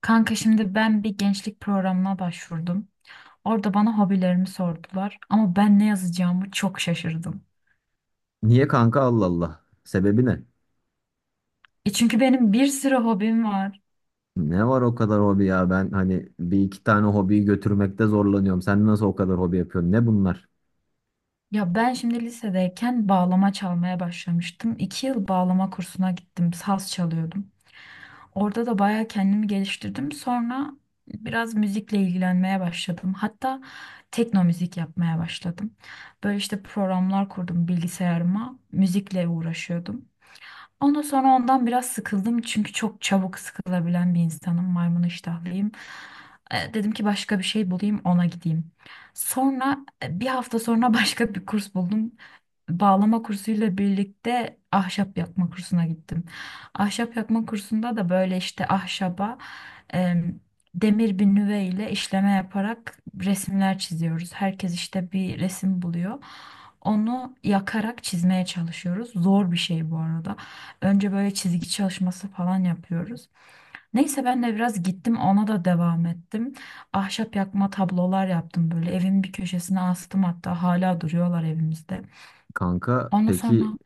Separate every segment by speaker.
Speaker 1: Kanka şimdi ben bir gençlik programına başvurdum. Orada bana hobilerimi sordular ama ben ne yazacağımı çok şaşırdım.
Speaker 2: Niye kanka Allah Allah? Sebebi ne?
Speaker 1: E çünkü benim bir sürü hobim var.
Speaker 2: Ne var o kadar hobi ya? Ben hani bir iki tane hobiyi götürmekte zorlanıyorum. Sen nasıl o kadar hobi yapıyorsun? Ne bunlar?
Speaker 1: Ya ben şimdi lisedeyken bağlama çalmaya başlamıştım. İki yıl bağlama kursuna gittim, saz çalıyordum. Orada da bayağı kendimi geliştirdim. Sonra biraz müzikle ilgilenmeye başladım. Hatta tekno müzik yapmaya başladım. Böyle işte programlar kurdum bilgisayarıma, müzikle uğraşıyordum. Ondan sonra ondan biraz sıkıldım çünkü çok çabuk sıkılabilen bir insanım. Maymun iştahlıyım. E, dedim ki başka bir şey bulayım ona gideyim. Sonra bir hafta sonra başka bir kurs buldum, bağlama kursuyla birlikte ahşap yakma kursuna gittim. Ahşap yakma kursunda da böyle işte ahşaba, em, demir bir nüve ile işleme yaparak resimler çiziyoruz. Herkes işte bir resim buluyor. Onu yakarak çizmeye çalışıyoruz. Zor bir şey bu arada. Önce böyle çizgi çalışması falan yapıyoruz. Neyse ben de biraz gittim ona da devam ettim. Ahşap yakma tablolar yaptım böyle. Evimin bir köşesine astım, hatta hala duruyorlar evimizde.
Speaker 2: Kanka
Speaker 1: Ondan sonra
Speaker 2: peki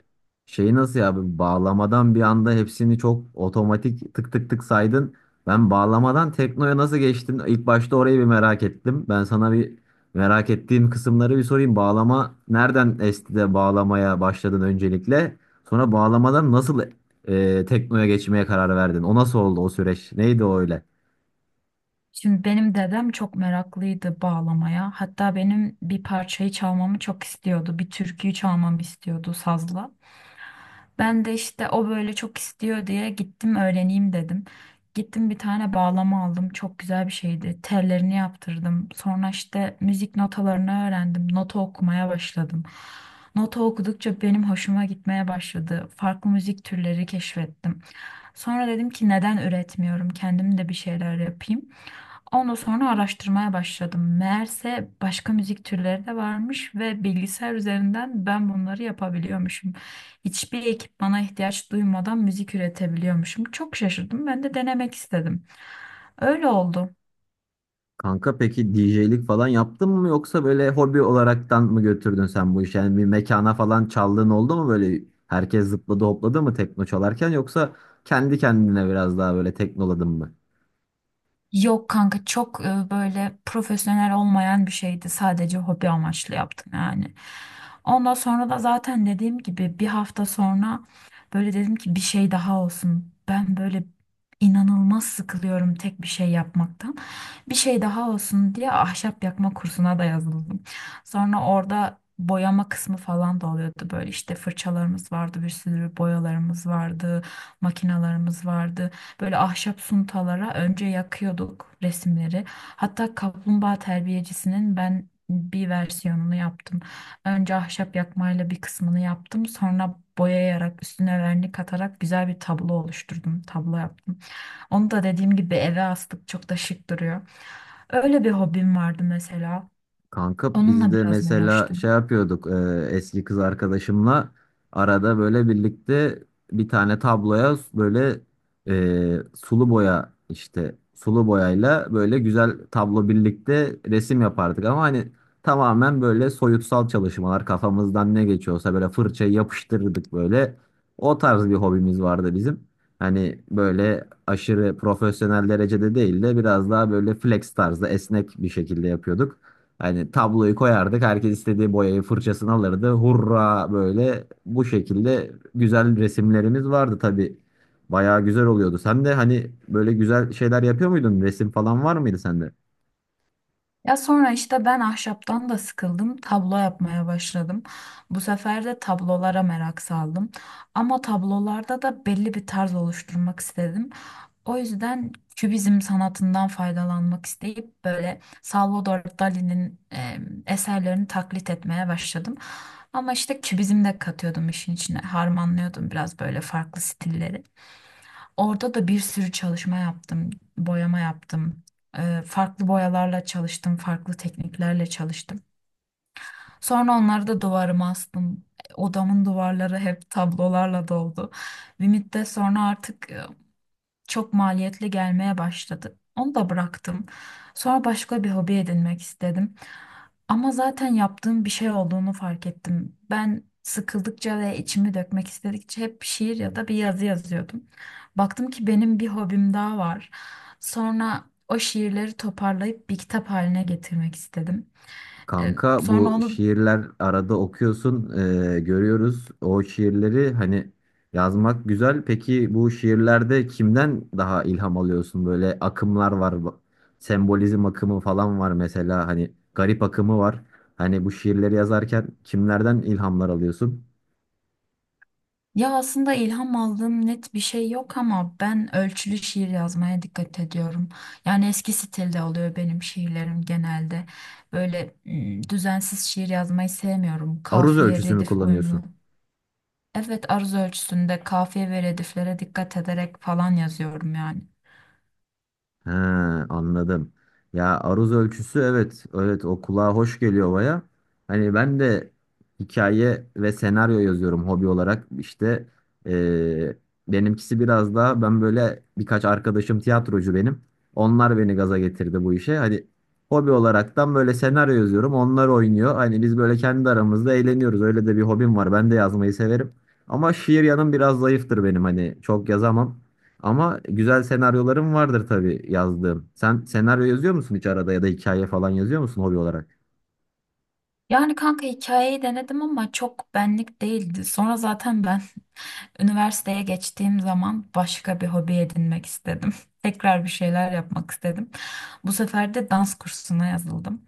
Speaker 2: şeyi nasıl ya bu bağlamadan bir anda hepsini çok otomatik tık tık tık saydın. Ben bağlamadan teknoya nasıl geçtin? İlk başta orayı bir merak ettim. Ben sana bir merak ettiğim kısımları bir sorayım. Bağlama nereden esti de bağlamaya başladın öncelikle? Sonra bağlamadan nasıl teknoya geçmeye karar verdin? O nasıl oldu o süreç? Neydi o öyle?
Speaker 1: şimdi benim dedem çok meraklıydı bağlamaya. Hatta benim bir parçayı çalmamı çok istiyordu. Bir türküyü çalmamı istiyordu sazla. Ben de işte o böyle çok istiyor diye gittim öğreneyim dedim. Gittim bir tane bağlama aldım. Çok güzel bir şeydi. Tellerini yaptırdım. Sonra işte müzik notalarını öğrendim. Nota okumaya başladım. Nota okudukça benim hoşuma gitmeye başladı. Farklı müzik türleri keşfettim. Sonra dedim ki neden üretmiyorum? Kendim de bir şeyler yapayım. Ondan sonra araştırmaya başladım. Meğerse başka müzik türleri de varmış ve bilgisayar üzerinden ben bunları yapabiliyormuşum. Hiçbir ekipmana ihtiyaç duymadan müzik üretebiliyormuşum. Çok şaşırdım. Ben de denemek istedim. Öyle oldu.
Speaker 2: Kanka peki DJ'lik falan yaptın mı yoksa böyle hobi olaraktan mı götürdün sen bu işi? Yani bir mekana falan çaldığın oldu mu böyle herkes zıpladı hopladı mı tekno çalarken yoksa kendi kendine biraz daha böyle teknoladın mı?
Speaker 1: Yok kanka, çok böyle profesyonel olmayan bir şeydi. Sadece hobi amaçlı yaptım yani. Ondan sonra da zaten dediğim gibi bir hafta sonra böyle dedim ki bir şey daha olsun. Ben böyle inanılmaz sıkılıyorum tek bir şey yapmaktan. Bir şey daha olsun diye ahşap yakma kursuna da yazıldım. Sonra orada boyama kısmı falan da oluyordu. Böyle işte fırçalarımız vardı, bir sürü boyalarımız vardı, makinalarımız vardı. Böyle ahşap suntalara önce yakıyorduk resimleri. Hatta kaplumbağa terbiyecisinin ben bir versiyonunu yaptım. Önce ahşap yakmayla bir kısmını yaptım. Sonra boyayarak üstüne vernik atarak güzel bir tablo oluşturdum. Tablo yaptım. Onu da dediğim gibi eve astık, çok da şık duruyor. Öyle bir hobim vardı mesela.
Speaker 2: Kanka biz
Speaker 1: Onunla
Speaker 2: de
Speaker 1: biraz
Speaker 2: mesela şey
Speaker 1: uğraştım.
Speaker 2: yapıyorduk eski kız arkadaşımla arada böyle birlikte bir tane tabloya böyle sulu boya işte sulu boyayla böyle güzel tablo birlikte resim yapardık ama hani tamamen böyle soyutsal çalışmalar kafamızdan ne geçiyorsa böyle fırçayı yapıştırırdık böyle o tarz bir hobimiz vardı bizim. Hani böyle aşırı profesyonel derecede değil de biraz daha böyle flex tarzda esnek bir şekilde yapıyorduk. Hani tabloyu koyardık. Herkes istediği boyayı fırçasını alırdı. Hurra böyle bu şekilde güzel resimlerimiz vardı tabii. Bayağı güzel oluyordu. Sen de hani böyle güzel şeyler yapıyor muydun? Resim falan var mıydı sende?
Speaker 1: Ya sonra işte ben ahşaptan da sıkıldım, tablo yapmaya başladım. Bu sefer de tablolara merak saldım. Ama tablolarda da belli bir tarz oluşturmak istedim. O yüzden kübizm sanatından faydalanmak isteyip böyle Salvador Dali'nin eserlerini taklit etmeye başladım. Ama işte kübizm de katıyordum işin içine, harmanlıyordum biraz böyle farklı stilleri. Orada da bir sürü çalışma yaptım, boyama yaptım. Farklı boyalarla çalıştım, farklı tekniklerle çalıştım. Sonra onları da duvarıma astım. Odamın duvarları hep tablolarla doldu. Bir müddet sonra artık çok maliyetli gelmeye başladı. Onu da bıraktım. Sonra başka bir hobi edinmek istedim. Ama zaten yaptığım bir şey olduğunu fark ettim. Ben sıkıldıkça ve içimi dökmek istedikçe hep şiir ya da bir yazı yazıyordum. Baktım ki benim bir hobim daha var. Sonra o şiirleri toparlayıp bir kitap haline getirmek istedim.
Speaker 2: Kanka
Speaker 1: Sonra
Speaker 2: bu
Speaker 1: onu
Speaker 2: şiirler arada okuyorsun, görüyoruz. O şiirleri hani yazmak güzel. Peki bu şiirlerde kimden daha ilham alıyorsun? Böyle akımlar var. Sembolizm akımı falan var mesela. Hani garip akımı var. Hani bu şiirleri yazarken kimlerden ilhamlar alıyorsun?
Speaker 1: Ya aslında ilham aldığım net bir şey yok ama ben ölçülü şiir yazmaya dikkat ediyorum. Yani eski stilde oluyor benim şiirlerim genelde. Böyle düzensiz şiir yazmayı sevmiyorum.
Speaker 2: Aruz
Speaker 1: Kafiye,
Speaker 2: ölçüsü mü
Speaker 1: redif uyumlu.
Speaker 2: kullanıyorsun?
Speaker 1: Evet, aruz ölçüsünde kafiye ve rediflere dikkat ederek falan yazıyorum yani.
Speaker 2: He, anladım. Ya aruz ölçüsü evet evet o kulağa hoş geliyor baya. Hani ben de hikaye ve senaryo yazıyorum hobi olarak. İşte eee, benimkisi biraz daha ben böyle birkaç arkadaşım tiyatrocu benim. Onlar beni gaza getirdi bu işe. Hani hobi olaraktan böyle senaryo yazıyorum. Onlar oynuyor. Hani biz böyle kendi aramızda eğleniyoruz. Öyle de bir hobim var. Ben de yazmayı severim. Ama şiir yanım biraz zayıftır benim. Hani çok yazamam. Ama güzel senaryolarım vardır tabii yazdığım. Sen senaryo yazıyor musun hiç arada ya da hikaye falan yazıyor musun hobi olarak?
Speaker 1: Yani kanka, hikayeyi denedim ama çok benlik değildi. Sonra zaten ben üniversiteye geçtiğim zaman başka bir hobi edinmek istedim. Tekrar bir şeyler yapmak istedim. Bu sefer de dans kursuna yazıldım.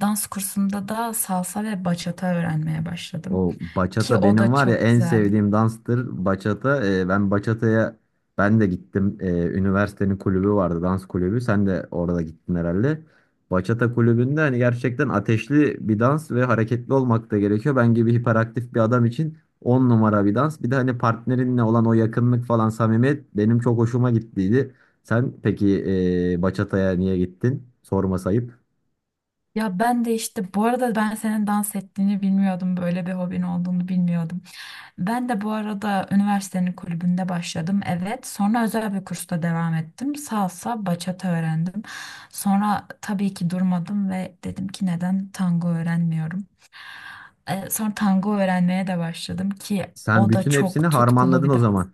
Speaker 1: Dans kursunda da salsa ve bachata öğrenmeye başladım.
Speaker 2: O
Speaker 1: Ki
Speaker 2: bachata
Speaker 1: o
Speaker 2: benim
Speaker 1: da
Speaker 2: var ya
Speaker 1: çok
Speaker 2: en
Speaker 1: güzeldi.
Speaker 2: sevdiğim danstır bachata. Ben bachata'ya ben de gittim. Üniversitenin kulübü vardı dans kulübü. Sen de orada gittin herhalde. Bachata kulübünde hani gerçekten ateşli bir dans ve hareketli olmak da gerekiyor. Ben gibi hiperaktif bir adam için 10 numara bir dans. Bir de hani partnerinle olan o yakınlık falan samimiyet benim çok hoşuma gittiydi. Sen peki bachata'ya niye gittin? Sorma sayıp.
Speaker 1: Ya ben de işte bu arada ben senin dans ettiğini bilmiyordum. Böyle bir hobin olduğunu bilmiyordum. Ben de bu arada üniversitenin kulübünde başladım. Evet. Sonra özel bir kursta devam ettim. Salsa, bachata öğrendim. Sonra tabii ki durmadım ve dedim ki neden tango öğrenmiyorum. Sonra tango öğrenmeye de başladım ki
Speaker 2: Sen
Speaker 1: o da
Speaker 2: bütün hepsini
Speaker 1: çok tutkulu
Speaker 2: harmanladın
Speaker 1: bir
Speaker 2: o
Speaker 1: dans.
Speaker 2: zaman.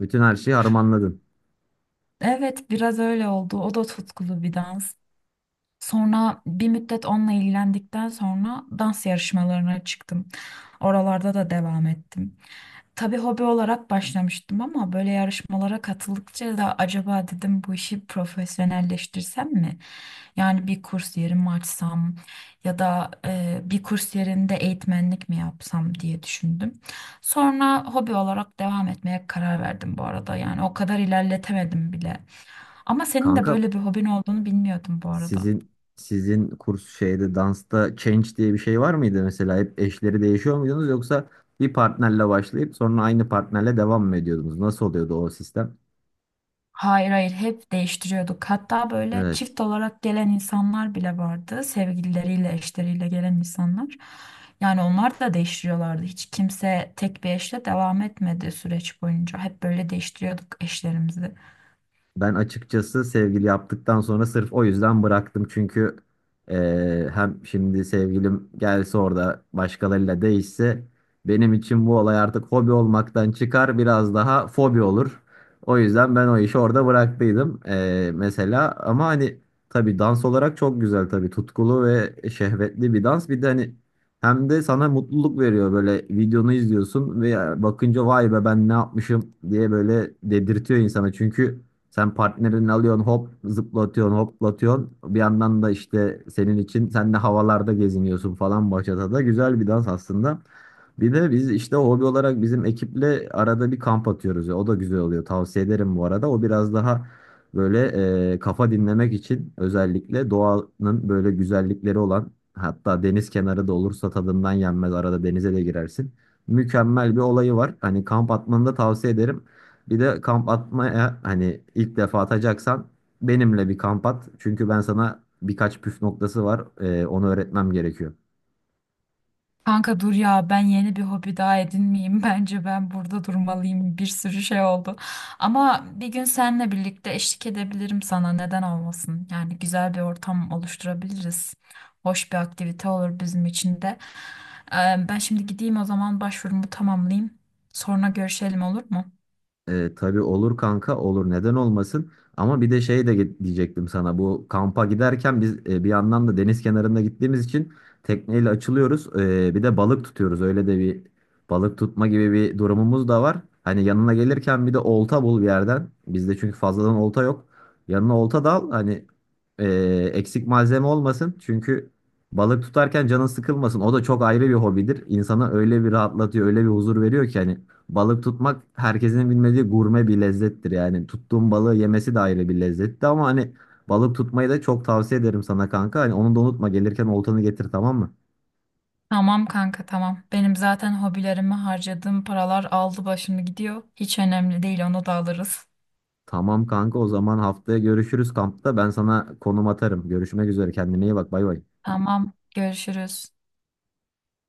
Speaker 2: Bütün her şeyi harmanladın.
Speaker 1: Evet, biraz öyle oldu. O da tutkulu bir dans. Sonra bir müddet onunla ilgilendikten sonra dans yarışmalarına çıktım. Oralarda da devam ettim. Tabii hobi olarak başlamıştım ama böyle yarışmalara katıldıkça da acaba dedim, bu işi profesyonelleştirsem mi? Yani bir kurs yeri mi açsam ya da bir kurs yerinde eğitmenlik mi yapsam diye düşündüm. Sonra hobi olarak devam etmeye karar verdim bu arada. Yani o kadar ilerletemedim bile. Ama senin de
Speaker 2: Kanka,
Speaker 1: böyle bir hobin olduğunu bilmiyordum bu arada.
Speaker 2: sizin kurs şeyde dansta change diye bir şey var mıydı mesela? Hep eşleri değişiyor muydunuz yoksa bir partnerle başlayıp sonra aynı partnerle devam mı ediyordunuz? Nasıl oluyordu o sistem?
Speaker 1: Hayır, hayır, hep değiştiriyorduk. Hatta böyle
Speaker 2: Evet.
Speaker 1: çift olarak gelen insanlar bile vardı. Sevgilileriyle, eşleriyle gelen insanlar. Yani onlar da değiştiriyorlardı. Hiç kimse tek bir eşle devam etmedi süreç boyunca. Hep böyle değiştiriyorduk eşlerimizi.
Speaker 2: Ben açıkçası sevgili yaptıktan sonra sırf o yüzden bıraktım. Çünkü hem şimdi sevgilim gelse orada başkalarıyla değişse benim için bu olay artık hobi olmaktan çıkar biraz daha fobi olur. O yüzden ben o işi orada bıraktıydım, mesela. Ama hani tabii dans olarak çok güzel tabii tutkulu ve şehvetli bir dans. Bir de hani hem de sana mutluluk veriyor böyle videonu izliyorsun ve bakınca vay be ben ne yapmışım diye böyle dedirtiyor insana. Çünkü sen partnerini alıyorsun hop zıplatıyorsun hoplatıyorsun. Bir yandan da işte senin için sen de havalarda geziniyorsun falan da güzel bir dans aslında. Bir de biz işte hobi olarak bizim ekiple arada bir kamp atıyoruz. O da güzel oluyor. Tavsiye ederim bu arada. O biraz daha böyle kafa dinlemek için özellikle doğanın böyle güzellikleri olan hatta deniz kenarı da olursa tadından yenmez. Arada denize de girersin. Mükemmel bir olayı var. Hani kamp atmanı da tavsiye ederim. Bir de kamp atmaya hani ilk defa atacaksan benimle bir kamp at. Çünkü ben sana birkaç püf noktası var. Onu öğretmem gerekiyor.
Speaker 1: Kanka dur ya, ben yeni bir hobi daha edinmeyeyim. Bence ben burada durmalıyım. Bir sürü şey oldu. Ama bir gün seninle birlikte eşlik edebilirim sana. Neden olmasın? Yani güzel bir ortam oluşturabiliriz. Hoş bir aktivite olur bizim için de. Ee, Ben şimdi gideyim o zaman başvurumu tamamlayayım. Sonra görüşelim, olur mu?
Speaker 2: Tabii olur kanka olur neden olmasın ama bir de şey de diyecektim sana bu kampa giderken biz bir yandan da deniz kenarında gittiğimiz için tekneyle açılıyoruz. Bir de balık tutuyoruz öyle de bir balık tutma gibi bir durumumuz da var. Hani yanına gelirken bir de olta bul bir yerden bizde çünkü fazladan olta yok yanına olta da al hani e, eksik malzeme olmasın çünkü balık tutarken canın sıkılmasın o da çok ayrı bir hobidir insanı öyle bir rahatlatıyor öyle bir huzur veriyor ki hani. Balık tutmak herkesin bilmediği gurme bir lezzettir yani. Tuttuğun balığı yemesi de ayrı bir lezzetti ama hani balık tutmayı da çok tavsiye ederim sana kanka. Hani onu da unutma gelirken oltanı getir tamam mı?
Speaker 1: Tamam kanka, tamam. Benim zaten hobilerime harcadığım paralar aldı başını gidiyor. Hiç önemli değil, onu da alırız.
Speaker 2: Tamam kanka o zaman haftaya görüşürüz kampta. Ben sana konum atarım. Görüşmek üzere kendine iyi bak bay bay.
Speaker 1: Tamam, görüşürüz.